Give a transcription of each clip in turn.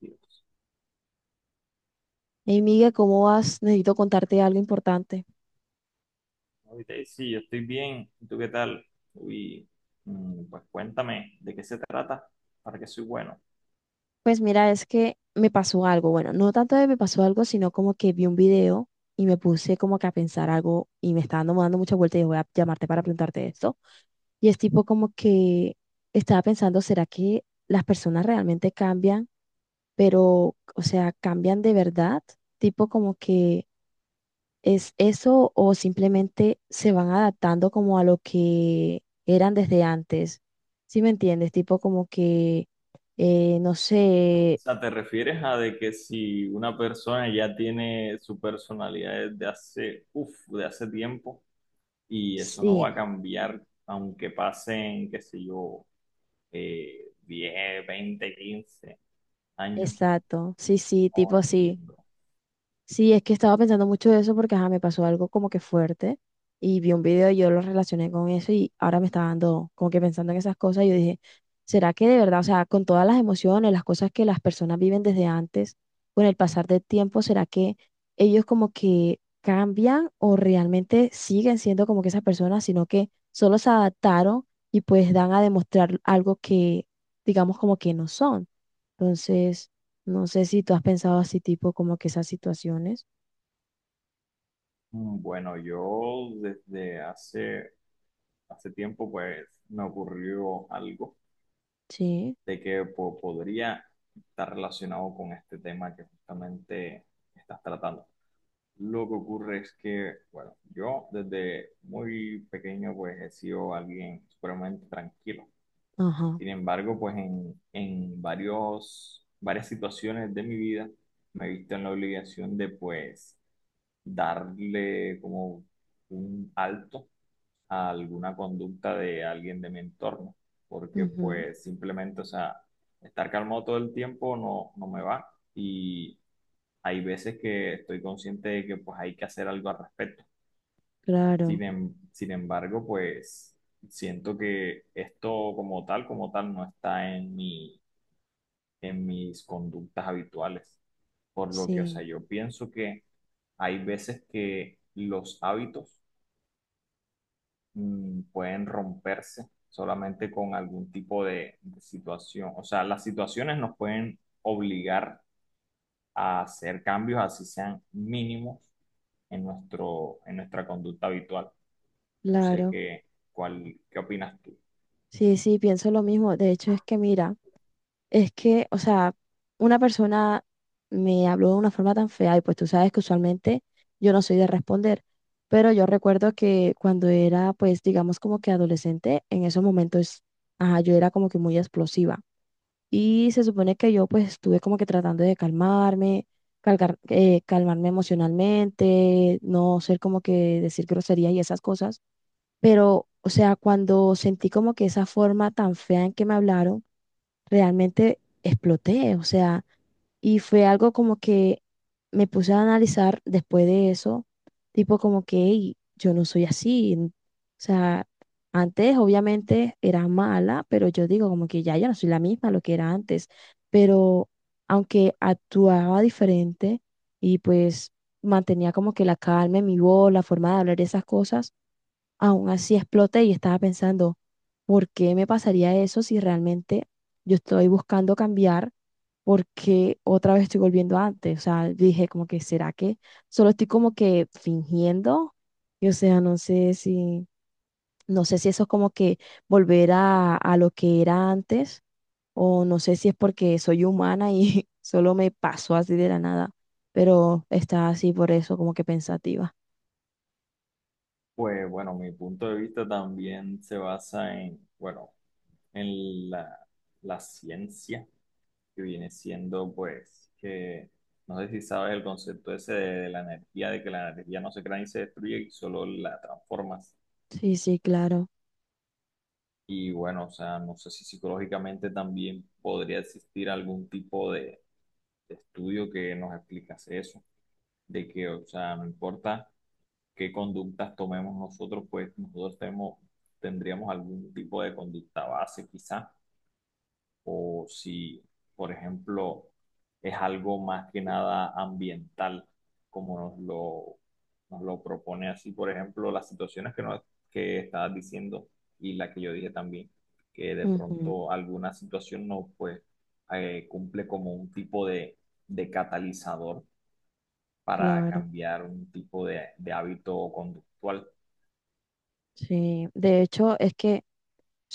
Dios. Hey, Miguel, ¿cómo vas? Necesito contarte algo importante. Ahorita sí, yo estoy bien. ¿Y tú qué tal? Uy, pues cuéntame de qué se trata, para qué soy bueno. Pues mira, es que me pasó algo. Bueno, no tanto de me pasó algo, sino como que vi un video y me puse como que a pensar algo y me está dando muchas vueltas y dije, voy a llamarte para preguntarte esto. Y es tipo como que estaba pensando, ¿será que las personas realmente cambian? Pero, o sea, ¿cambian de verdad? Tipo como que, ¿es eso o simplemente se van adaptando como a lo que eran desde antes? ¿Sí me entiendes? Tipo como que, no O sé, sea, ¿te refieres a de que si una persona ya tiene su personalidad desde hace, uf, de hace tiempo y eso no sí, va a cambiar aunque pasen, qué sé yo, 10, 20, 15 años? exacto, sí, sí, Oh, tipo así. entiendo. Sí, es que estaba pensando mucho de eso porque ajá, me pasó algo como que fuerte y vi un video y yo lo relacioné con eso y ahora me está dando como que pensando en esas cosas y yo dije, ¿será que de verdad, o sea, con todas las emociones, las cosas que las personas viven desde antes, con el pasar del tiempo, será que ellos como que cambian o realmente siguen siendo como que esas personas, sino que solo se adaptaron y pues dan a demostrar algo que digamos como que no son? Entonces... No sé si tú has pensado así, tipo, como que esas situaciones. Mm, bueno, yo desde hace tiempo pues me ocurrió algo Sí, de que podría estar relacionado con este tema que justamente estás tratando. Lo que ocurre es que, bueno, yo desde muy pequeño pues he sido alguien supremamente tranquilo. ajá, Sin embargo, pues en varias situaciones de mi vida me he visto en la obligación de pues darle como un alto a alguna conducta de alguien de mi entorno, porque ujú, pues simplemente, o sea, estar calmado todo el tiempo no me va y hay veces que estoy consciente de que pues hay que hacer algo al respecto. claro, Sin embargo, pues siento que esto como tal, no está en en mis conductas habituales, por lo que, o sea, sí, yo pienso que hay veces que los hábitos pueden romperse solamente con algún tipo de situación. O sea, las situaciones nos pueden obligar a hacer cambios, así sean mínimos, en en nuestra conducta habitual. No sé claro. Qué opinas tú. Sí, sí, pienso lo mismo. De hecho, es que mira, es que, o sea, una persona me habló de una forma tan fea y pues tú sabes que usualmente yo no soy de responder, pero yo recuerdo que cuando era, pues, digamos como que adolescente, en esos momentos, ajá, yo era como que muy explosiva. Y se supone que yo pues estuve como que tratando de calmarme, calmarme emocionalmente, no ser como que decir groserías y esas cosas. Pero, o sea, cuando sentí como que esa forma tan fea en que me hablaron, realmente exploté, o sea, y fue algo como que me puse a analizar después de eso, tipo como que "Ey, yo no soy así, o sea, antes obviamente era mala, pero yo digo como que ya no soy la misma lo que era antes, pero aunque actuaba diferente y pues mantenía como que la calma en mi voz, la forma de hablar, esas cosas, aún así exploté y estaba pensando, ¿por qué me pasaría eso si realmente yo estoy buscando cambiar porque otra vez estoy volviendo a antes? O sea, dije como que, ¿será que solo estoy como que fingiendo? Y o sea, no sé si eso es como que volver a lo que era antes o no sé si es porque soy humana y solo me pasó así de la nada, pero está así por eso como que pensativa. Pues bueno, mi punto de vista también se basa en, bueno, en la ciencia que viene siendo, pues, que no sé si sabes el concepto ese de la energía, de que la energía no se crea ni se destruye y solo la transformas. Sí, sí, claro. Y bueno, o sea, no sé si psicológicamente también podría existir algún tipo de estudio que nos explicase eso, de que, o sea, no importa qué conductas tomemos nosotros, pues nosotros tenemos, tendríamos algún tipo de conducta base quizá o si, por ejemplo, es algo más que nada ambiental, como nos nos lo propone así, por ejemplo, las situaciones que, que estabas diciendo y la que yo dije también, que de Ujú, pronto alguna situación no pues, cumple como un tipo de catalizador para claro. cambiar un tipo de hábito conductual, Sí, de hecho es que, o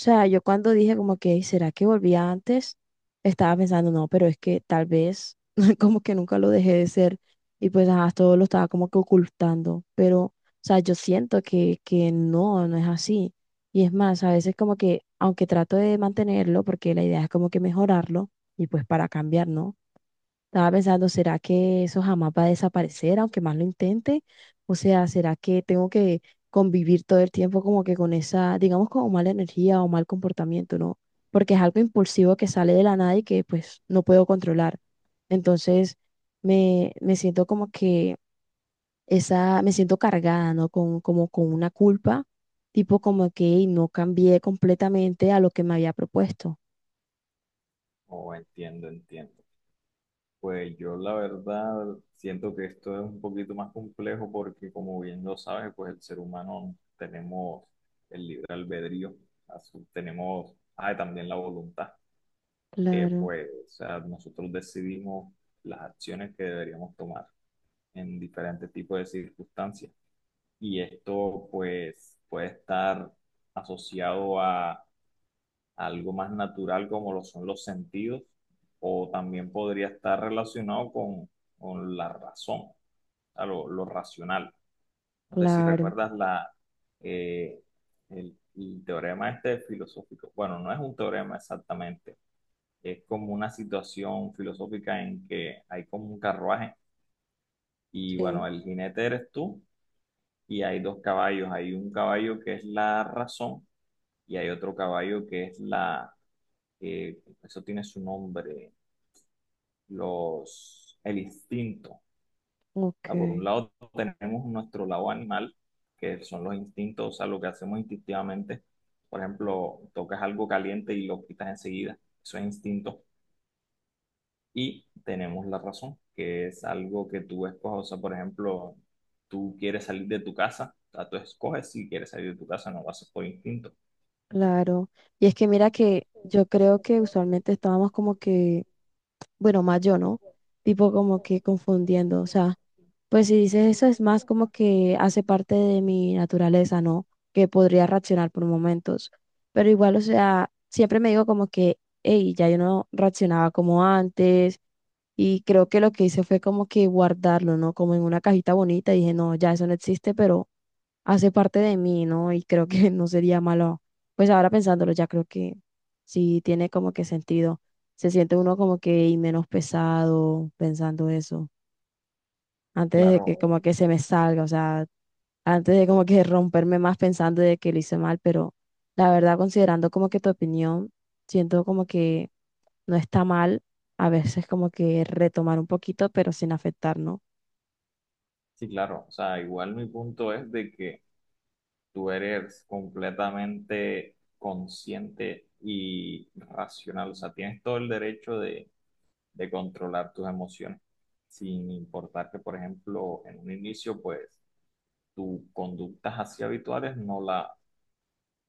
sea, yo cuando dije como que, ¿será que volvía antes? Estaba pensando, no, pero es que tal vez como que nunca lo dejé de ser y pues ajá, todo lo estaba como que ocultando, pero, o sea, yo siento que, no, no es así. Y es más, a veces como que, aunque trato de mantenerlo, porque la idea es como que mejorarlo y pues para cambiar, ¿no? Estaba pensando, ¿será que eso jamás va a desaparecer, aunque más lo intente? O sea, ¿será que tengo que convivir todo el tiempo como que con esa, digamos, como mala energía o mal comportamiento, ¿no? Porque es algo impulsivo que sale de la nada y que pues no puedo controlar. Entonces me siento como que esa, me siento cargada, ¿no? Con, como con una culpa, tipo como que "Ey, no cambié completamente a lo que me había propuesto". o entiendo, entiendo. Pues yo la verdad siento que esto es un poquito más complejo porque como bien lo sabes, pues el ser humano tenemos el libre albedrío, tenemos ah, y también la voluntad, que Claro, pues o sea, nosotros decidimos las acciones que deberíamos tomar en diferentes tipos de circunstancias. Y esto pues puede estar asociado a algo más natural como lo son los sentidos, o también podría estar relacionado con la razón, o sea, lo racional. No sé si claro, recuerdas eh, el teorema este filosófico. Bueno, no es un teorema exactamente, es como una situación filosófica en que hay como un carruaje y sí, bueno, el jinete eres tú y hay dos caballos. Hay un caballo que es la razón y hay otro caballo que es que eso tiene su nombre, el instinto. O ok. sea, por un lado tenemos nuestro lado animal, que son los instintos, o sea, lo que hacemos instintivamente. Por ejemplo, tocas algo caliente y lo quitas enseguida. Eso es instinto. Y tenemos la razón, que es algo que tú escoges. O sea, por ejemplo, tú quieres salir de tu casa, o sea, tú escoges si quieres salir de tu casa, no lo haces por instinto. Claro. Y es que mira que yo creo que usualmente estábamos como que, bueno, más yo, ¿no? Tipo como que confundiendo, o sea. Pues si dices eso es más como que hace parte de mi naturaleza, ¿no? Que podría reaccionar por momentos. Pero igual, o sea, siempre me digo como que, hey, ya yo no reaccionaba como antes. Y creo que lo que hice fue como que guardarlo, ¿no? Como en una cajita bonita. Y dije, no, ya eso no existe, pero hace parte de mí, ¿no? Y creo que no sería malo, pues ahora pensándolo, ya creo que sí tiene como que sentido. Se siente uno como que y menos pesado pensando eso. Antes de Claro, que como que se me salga, o sea, antes de como que romperme más pensando de que lo hice mal, pero la verdad considerando como que tu opinión, siento como que no está mal a veces como que retomar un poquito, pero sin afectar, ¿no? sí, claro. O sea, igual mi punto es de que tú eres completamente consciente y racional. O sea, tienes todo el derecho de controlar tus emociones, sin importar que, por ejemplo, en un inicio, pues, tus conductas así habituales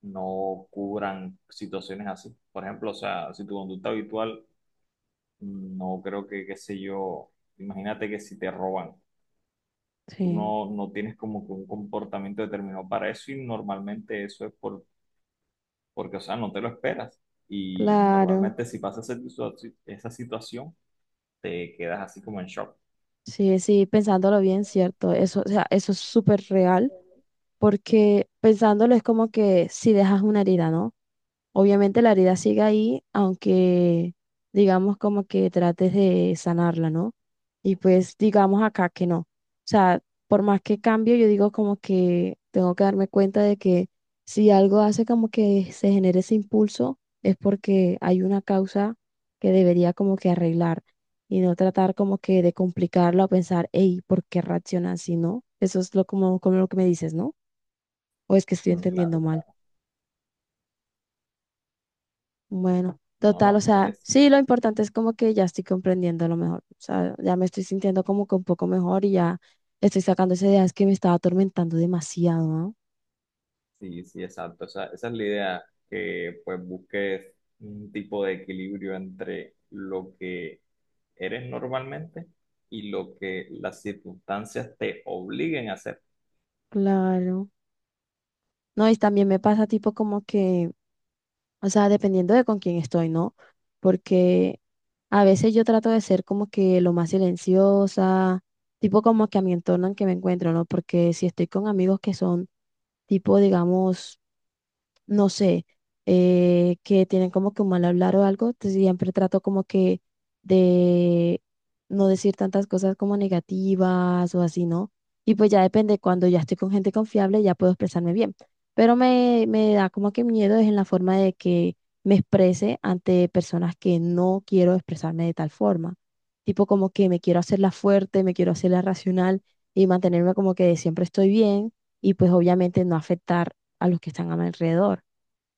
no cubran situaciones así. Por ejemplo, o sea, si tu conducta habitual, no creo que, qué sé yo, imagínate que si te roban, tú Sí, no tienes como que un comportamiento determinado para eso y normalmente eso es porque, o sea, no te lo esperas. Y claro. normalmente si pasa esa situación, te quedas así como en shock. Sí, sí, pensándolo bien, cierto. Eso, o sea, eso es súper real, porque pensándolo es como que si dejas una herida, ¿no? Obviamente la herida sigue ahí, aunque digamos como que trates de sanarla, ¿no? Y pues digamos acá que no. O sea, por más que cambio, yo digo como que tengo que darme cuenta de que si algo hace como que se genere ese impulso, es porque hay una causa que debería como que arreglar y no tratar como que de complicarlo a pensar, hey, ¿por qué reacciona así, no? Eso es como lo que me dices, ¿no? O es que estoy Mm, entendiendo claro, mal. claro. Bueno, No, total, o no, sea, es sí, lo importante es como que ya estoy comprendiendo lo mejor, o sea, ya me estoy sintiendo como que un poco mejor y ya estoy sacando esas ideas que me estaba atormentando demasiado, ¿no? Sí, sí, exacto. Esa es la idea, que pues busques un tipo de equilibrio entre lo que eres normalmente y lo que las circunstancias te obliguen a hacer. Claro. No, y también me pasa tipo como que, o sea, dependiendo de con quién estoy, ¿no? Porque a veces yo trato de ser como que lo más silenciosa, tipo como que a mi entorno en que me encuentro, ¿no? Porque si estoy con amigos que son tipo, digamos, no sé, que tienen como que un mal hablar o algo, entonces siempre trato como que de no decir tantas cosas como negativas o así, ¿no? Y pues ya depende, cuando ya estoy con gente confiable ya puedo expresarme bien, pero me da como que miedo es en la forma de que me exprese ante personas que no quiero expresarme de tal forma, tipo como que me quiero hacerla fuerte, me quiero hacerla racional y mantenerme como que siempre estoy bien y pues obviamente no afectar a los que están a mi alrededor.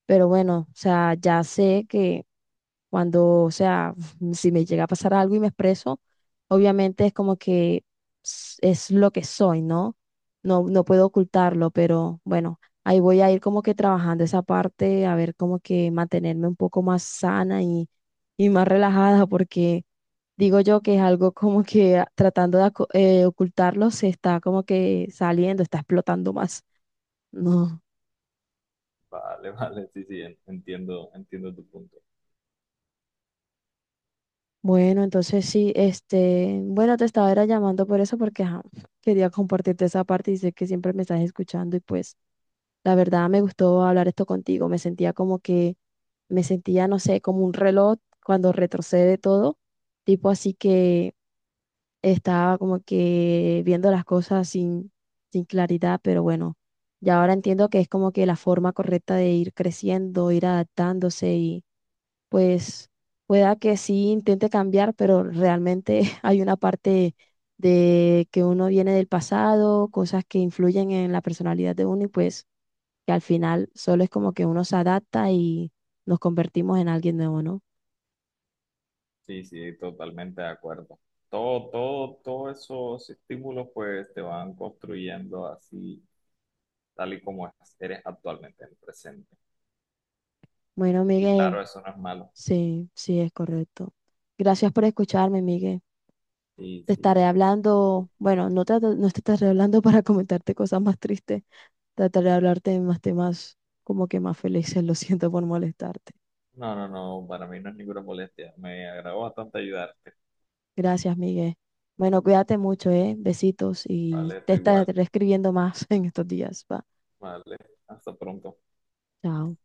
Pero bueno, o sea, ya sé que cuando, o sea, si me llega a pasar algo y me expreso, obviamente es como que es lo que soy, ¿no? No puedo ocultarlo, pero bueno, ahí voy a ir como que trabajando esa parte, a ver como que mantenerme un poco más sana y más relajada, porque digo yo que es algo como que ocultarlo, se está como que saliendo, está explotando más. No. Vale, vale, sí, sí, entiendo, entiendo tu punto. Bueno, entonces sí, este, bueno, te estaba era llamando por eso porque ajá, quería compartirte esa parte y sé que siempre me estás escuchando y pues la verdad me gustó hablar esto contigo, me sentía, no sé, como un reloj cuando retrocede todo, tipo así que estaba como que viendo las cosas sin claridad, pero bueno, ya ahora entiendo que es como que la forma correcta de ir creciendo, ir adaptándose, pues pueda que sí intente cambiar, pero realmente hay una parte de que uno viene del pasado, cosas que influyen en la personalidad de uno y pues que al final solo es como que uno se adapta y nos convertimos en alguien nuevo, ¿no? Sí, sí, totalmente de acuerdo. Todos esos estímulos pues te van construyendo así, tal y como eres actualmente en el presente. Bueno, Y Miguel, claro, eso no es malo. sí, sí es correcto. Gracias por escucharme, Miguel. Sí, Te sí. estaré hablando, bueno, no te estaré hablando para comentarte cosas más tristes, trataré de hablarte de más temas como que más felices, lo siento por molestarte. No, no, no, para mí no es ninguna molestia. Me agradó bastante ayudarte. Gracias, Miguel. Bueno, cuídate mucho, ¿eh? Besitos y Vale, te tú igual. estaré escribiendo más en estos días. Va. Vale, hasta pronto. Chao.